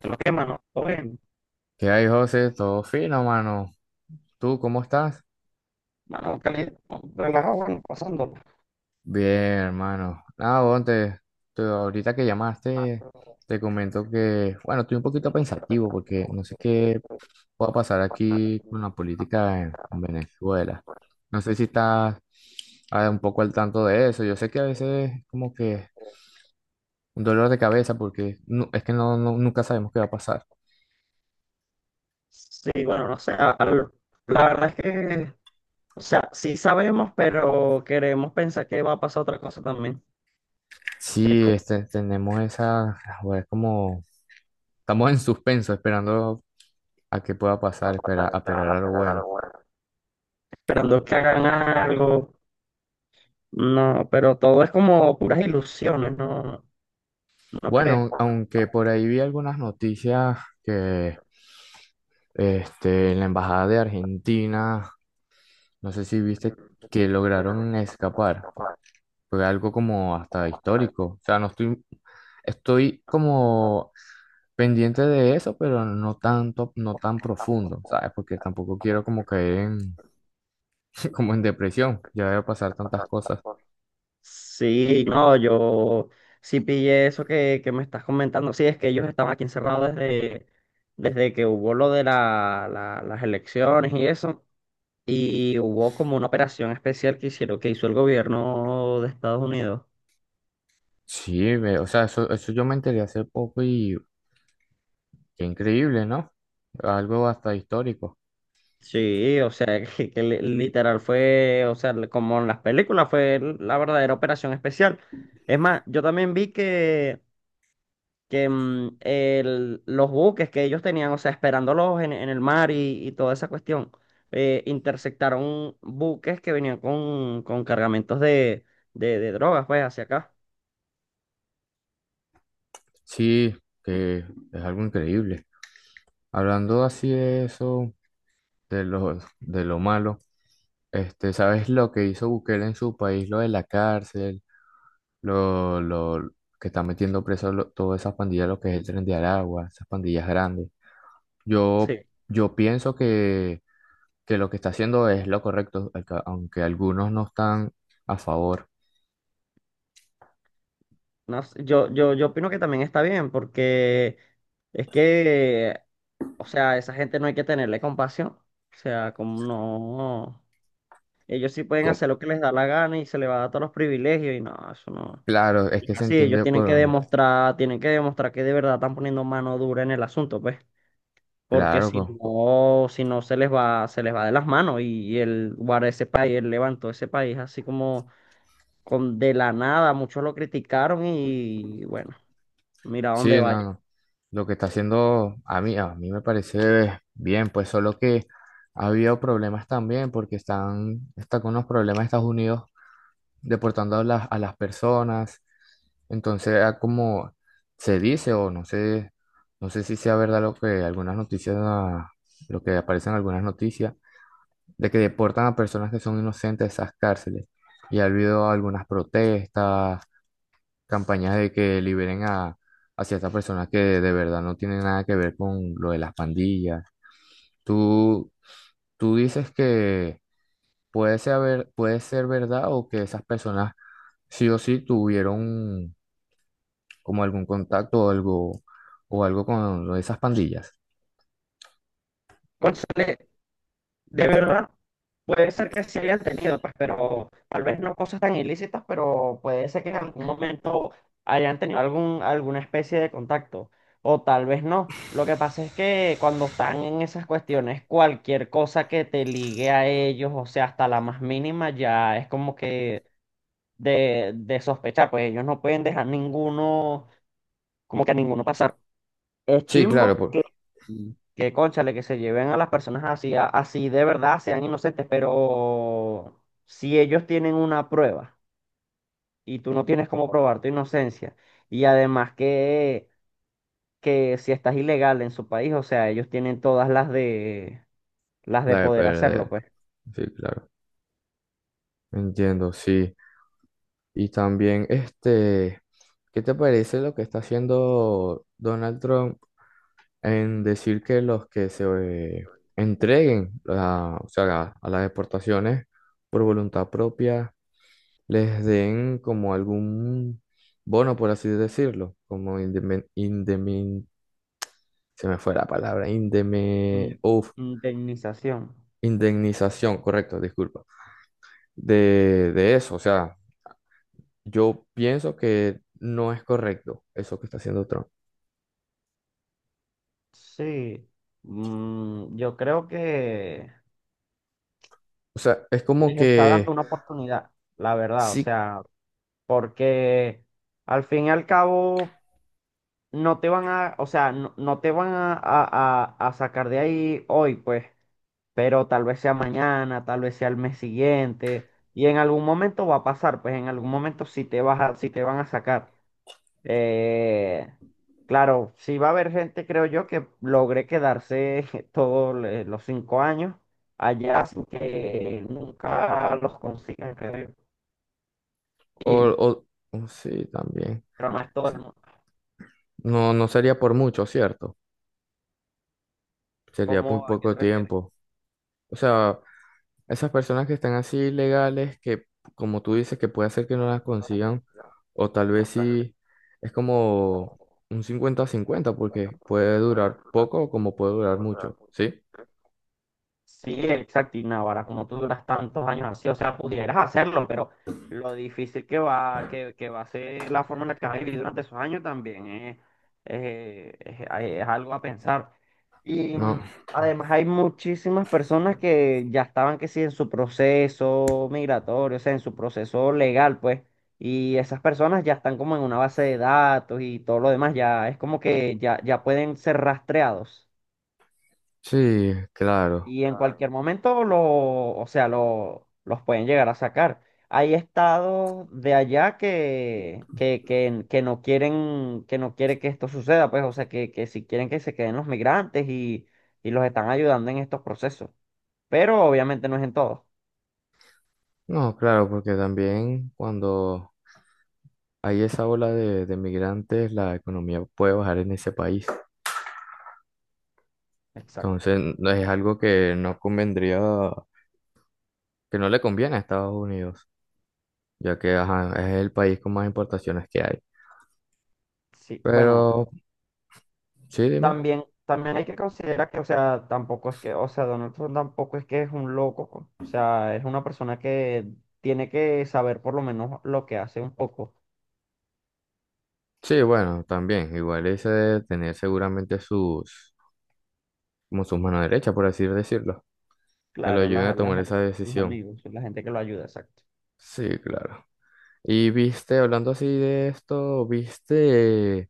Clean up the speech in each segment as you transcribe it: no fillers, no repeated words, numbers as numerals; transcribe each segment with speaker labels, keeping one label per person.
Speaker 1: Pero que, mano, todo bien,
Speaker 2: ¿Qué hay, José? Todo fino, mano. ¿Tú cómo estás?
Speaker 1: mano, caliente, ¿no? Relajado, bueno, pasándola.
Speaker 2: Bien, hermano. Nada, bueno, ahorita que
Speaker 1: Ah,
Speaker 2: llamaste,
Speaker 1: pero
Speaker 2: te comento que, bueno, estoy un poquito
Speaker 1: yo creo que está
Speaker 2: pensativo porque
Speaker 1: pensativo,
Speaker 2: no
Speaker 1: porque,
Speaker 2: sé qué
Speaker 1: eh,
Speaker 2: pueda pasar
Speaker 1: para
Speaker 2: aquí con
Speaker 1: ti,
Speaker 2: la
Speaker 1: la
Speaker 2: política en,
Speaker 1: política.
Speaker 2: en Venezuela. No sé si estás un poco al tanto de eso. Yo sé que a veces es como que un dolor de cabeza porque es que nunca sabemos qué va a pasar.
Speaker 1: Sí, bueno, no sé, la verdad es que, o sea, sí sabemos, pero queremos pensar que va a pasar otra cosa también. Es
Speaker 2: Sí,
Speaker 1: como,
Speaker 2: tenemos esa, bueno, es como, estamos en suspenso esperando a que pueda
Speaker 1: no,
Speaker 2: pasar,
Speaker 1: pues,
Speaker 2: espera,
Speaker 1: para
Speaker 2: a
Speaker 1: que
Speaker 2: esperar a lo
Speaker 1: hagan
Speaker 2: bueno.
Speaker 1: algo bueno. Esperando que hagan algo, no, pero todo es como puras ilusiones, no, no creo.
Speaker 2: Bueno,
Speaker 1: Porque,
Speaker 2: aunque por ahí vi algunas noticias que en la embajada de Argentina, no sé si viste que
Speaker 1: no,
Speaker 2: lograron escapar. Fue
Speaker 1: no,
Speaker 2: fue algo como hasta histórico. O sea, no estoy, estoy como pendiente de eso, pero no tanto, no tan profundo,
Speaker 1: tampoco-
Speaker 2: ¿sabes? Porque tampoco quiero
Speaker 1: tampoco
Speaker 2: como
Speaker 1: quiero
Speaker 2: caer en, como en depresión. Ya veo pasar tantas
Speaker 1: tantas
Speaker 2: cosas.
Speaker 1: cosas. Sí, no, yo sí pillé eso que me estás comentando. Sí, es que ellos estaban aquí encerrados desde, desde que hubo lo de las elecciones y eso. Y hubo como una operación especial que hicieron, que hizo el gobierno de Estados Unidos.
Speaker 2: Sí, ve, o sea, eso yo me enteré hace poco y qué increíble, ¿no? Algo hasta histórico.
Speaker 1: Sí, o sea, que, literal fue, o sea, como en las películas, fue la verdadera operación especial. Es más, yo también vi que mm, los buques que ellos tenían, o sea, esperándolos en el mar y toda esa cuestión, interceptaron buques que venían con cargamentos de, de drogas, pues, hacia acá.
Speaker 2: Sí, que es algo increíble. Hablando así de eso, de de lo malo, ¿sabes lo que hizo Bukele en su país? Lo de la cárcel, lo que está metiendo preso todas esas pandillas, lo que es el Tren de Aragua, esas pandillas grandes. Yo,
Speaker 1: Sí.
Speaker 2: yo pienso que lo que está haciendo es lo correcto, aunque algunos no están a favor.
Speaker 1: No sé, yo opino que también está bien, porque es que, o sea, a esa gente no hay que tenerle compasión. O sea, como no, ellos sí pueden
Speaker 2: Co-
Speaker 1: hacer lo que les da la gana y se les va a dar todos los privilegios y no, eso no.
Speaker 2: Claro, es que se
Speaker 1: Así, ellos
Speaker 2: entiende por,
Speaker 1: tienen que demostrar que de verdad están poniendo mano dura en el asunto, pues, porque
Speaker 2: claro,
Speaker 1: si
Speaker 2: co-
Speaker 1: no, si no se les va, se les va de las manos y el guarda ese país, él levantó ese país así como con de la nada, muchos lo criticaron y bueno, mira a dónde
Speaker 2: sí, no, no. Lo que está haciendo a mí me parece bien, pues solo que ha habido problemas también porque está con unos problemas Estados Unidos deportando a a las personas. Entonces, como se dice o no sé, no sé si sea verdad lo que algunas lo que aparecen en algunas noticias, de que deportan a personas que son inocentes de esas cárceles. Y ha habido algunas protestas campañas de que liberen a ciertas personas que de verdad no tienen nada que ver con lo de las pandillas. Tú, tú dices que puede puede ser verdad o que esas personas sí o sí tuvieron como algún contacto o algo con lo de esas pandillas.
Speaker 1: vaya. De verdad, puede ser que sí hayan tenido, pues, pero tal vez no cosas tan ilícitas, pero puede ser que en algún momento hayan tenido algún, alguna especie de contacto, o tal vez no. Lo que pasa es que cuando están en esas cuestiones, cualquier cosa que te ligue a ellos, o sea, hasta la más mínima, ya es como que de sospechar, pues ellos no pueden dejar ninguno, como que a ninguno pasar. Es
Speaker 2: Sí, claro,
Speaker 1: chimbo que cónchale, que se lleven a las personas así, así de verdad, sean inocentes, pero si ellos tienen una prueba y tú no tienes cómo probar tu inocencia, y además que si estás ilegal en su país, o sea, ellos tienen todas las de
Speaker 2: la de
Speaker 1: poder hacerlo,
Speaker 2: perder.
Speaker 1: pues.
Speaker 2: Sí, claro. Entiendo, sí. Y también, ¿qué te parece lo que está haciendo Donald Trump? En decir que los que se entreguen a, o sea, a las exportaciones por voluntad propia les den como algún bono, por así decirlo, como se me fue la palabra,
Speaker 1: In- Indemnización.
Speaker 2: indemnización, correcto, disculpa, de eso. O sea, yo pienso que no es correcto eso que está haciendo Trump.
Speaker 1: Sí, mm, yo creo que
Speaker 2: O sea, es como
Speaker 1: les está dando
Speaker 2: que
Speaker 1: una oportunidad, la verdad, o
Speaker 2: sí,
Speaker 1: sea. Porque al fin y al cabo no te van a, o sea, no te van a, a sacar de ahí hoy, pues, pero tal vez sea mañana, tal vez sea el mes siguiente, y en algún momento va a pasar, pues en algún momento sí te vas a, sí te van a sacar. Eh, claro, sí va a haber gente, creo yo, que logre quedarse todos los 5 años allá sin que nunca los consigan, creo yo.
Speaker 2: o,
Speaker 1: Y,
Speaker 2: o o sí, también.
Speaker 1: pero no es todo el mundo.
Speaker 2: No, no sería por mucho, ¿cierto? Sería muy
Speaker 1: ¿Cómo, a qué te
Speaker 2: poco
Speaker 1: refieres?
Speaker 2: tiempo. O sea, esas personas que están así ilegales, que como tú dices, que puede ser que no
Speaker 1: Por
Speaker 2: las
Speaker 1: eso, la
Speaker 2: consigan,
Speaker 1: consideramos
Speaker 2: o tal vez
Speaker 1: contrarrestar
Speaker 2: sí, es
Speaker 1: en
Speaker 2: como un cincuenta a cincuenta porque
Speaker 1: encuentros que
Speaker 2: puede
Speaker 1: pueden
Speaker 2: durar poco o como puede durar
Speaker 1: durar
Speaker 2: mucho,
Speaker 1: mucho.
Speaker 2: ¿sí?
Speaker 1: Sí, exacto. Y Navarra, como tú duras tantos años así, o sea, pudieras hacerlo, pero lo difícil que va, que va a ser la forma en la que vas a vivir durante esos años también es, es algo a pensar. Y
Speaker 2: No,
Speaker 1: mm, además hay muchísimas personas que ya estaban que sí en su proceso migratorio, o sea, en su proceso legal, pues, y esas personas ya están como en una base de datos y todo lo demás, ya es como que ya, ya pueden ser rastreados
Speaker 2: sí, claro.
Speaker 1: y en ah, cualquier momento lo, o sea, lo, los pueden llegar a sacar. Hay estados de allá que no quieren, que no quiere que esto suceda, pues, o sea, que si quieren que se queden los migrantes y los están ayudando en estos procesos. Pero obviamente no es en todos.
Speaker 2: No, claro, porque también cuando hay esa ola de migrantes, la economía puede bajar en ese país.
Speaker 1: Exacto.
Speaker 2: Entonces, no convendría que no le conviene a Estados Unidos, ya que ajá, es el país con más importaciones que hay.
Speaker 1: Sí, bueno,
Speaker 2: Pero, sí, dime.
Speaker 1: también, también hay que considerar que, o sea, tampoco es que, o sea, Donald Trump tampoco es que es un loco, pues. O sea, es una persona que tiene que saber por lo menos lo que hace un poco.
Speaker 2: Sí, bueno, también, igual ese de tener seguramente sus, como sus manos derechas, por así decirlo, que lo
Speaker 1: Claro,
Speaker 2: ayuden a tomar esa
Speaker 1: sus
Speaker 2: decisión.
Speaker 1: amigos, la gente que lo ayuda, exacto.
Speaker 2: Sí, claro. Y viste, hablando así de esto, viste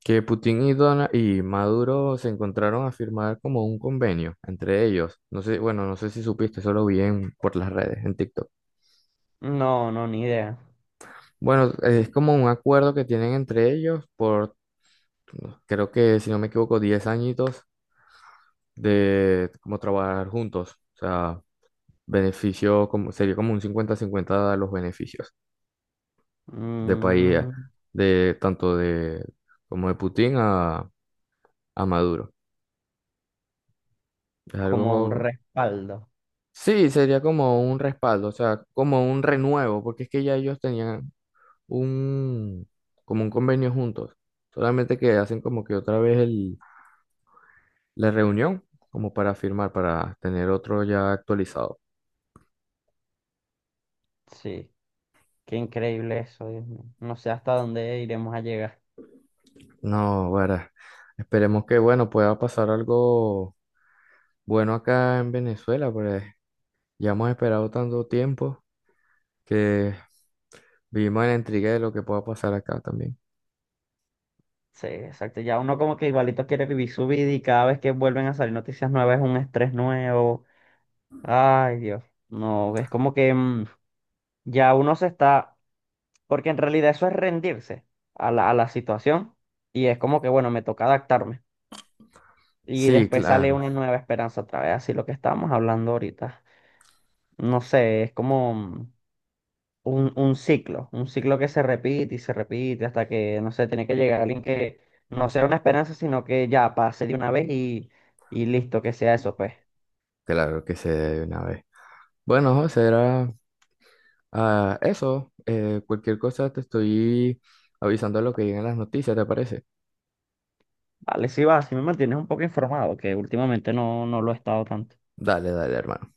Speaker 2: que Putin y y Maduro se encontraron a firmar como un convenio entre ellos. No sé, bueno, no sé si supiste, eso lo por las redes, en TikTok.
Speaker 1: No, no, ni idea.
Speaker 2: Bueno, es como un acuerdo que tienen entre ellos por, creo que si no me equivoco, 10 añitos de como trabajar juntos. O sea, beneficio como, sería como un cincuenta-cincuenta 50 los beneficios de país,
Speaker 1: Mm,
Speaker 2: de tanto de como de Putin a Maduro. Es
Speaker 1: como un
Speaker 2: algo,
Speaker 1: respaldo.
Speaker 2: sí, sería como un respaldo, o sea, como un renuevo, porque es que ya ellos tenían un, como un convenio juntos. Solamente que hacen como que otra vez el la reunión como para firmar, para tener otro ya actualizado.
Speaker 1: Sí, qué increíble eso, Dios mío. No sé hasta dónde iremos a llegar.
Speaker 2: No, bueno, esperemos que, bueno, pueda pasar algo bueno acá en Venezuela, pues ya hemos esperado tanto tiempo que vivimos en la intriga de lo que pueda pasar acá también.
Speaker 1: Sí, exacto. Ya uno como que igualito quiere vivir su vida y cada vez que vuelven a salir noticias nuevas es un estrés nuevo. Ay, Dios. No, es como que mm, ya uno se está, porque en realidad eso es rendirse a la situación y es como que, bueno, me toca adaptarme. Y
Speaker 2: Sí,
Speaker 1: después sale
Speaker 2: claro,
Speaker 1: una nueva esperanza otra vez, así lo que estábamos hablando ahorita. No sé, es como un ciclo que se repite y se repite hasta que, no sé, tiene que llegar alguien que no sea una esperanza, sino que ya pase de una vez y listo, que sea eso, pues.
Speaker 2: claro que se debe una vez. Bueno, José, era eso. Cualquier cosa te estoy avisando de lo que lleguen las noticias, ¿te parece?
Speaker 1: Vale, sí va, si me mantienes un poco informado, que últimamente no, no lo he estado tanto.
Speaker 2: Dale, dale, hermano.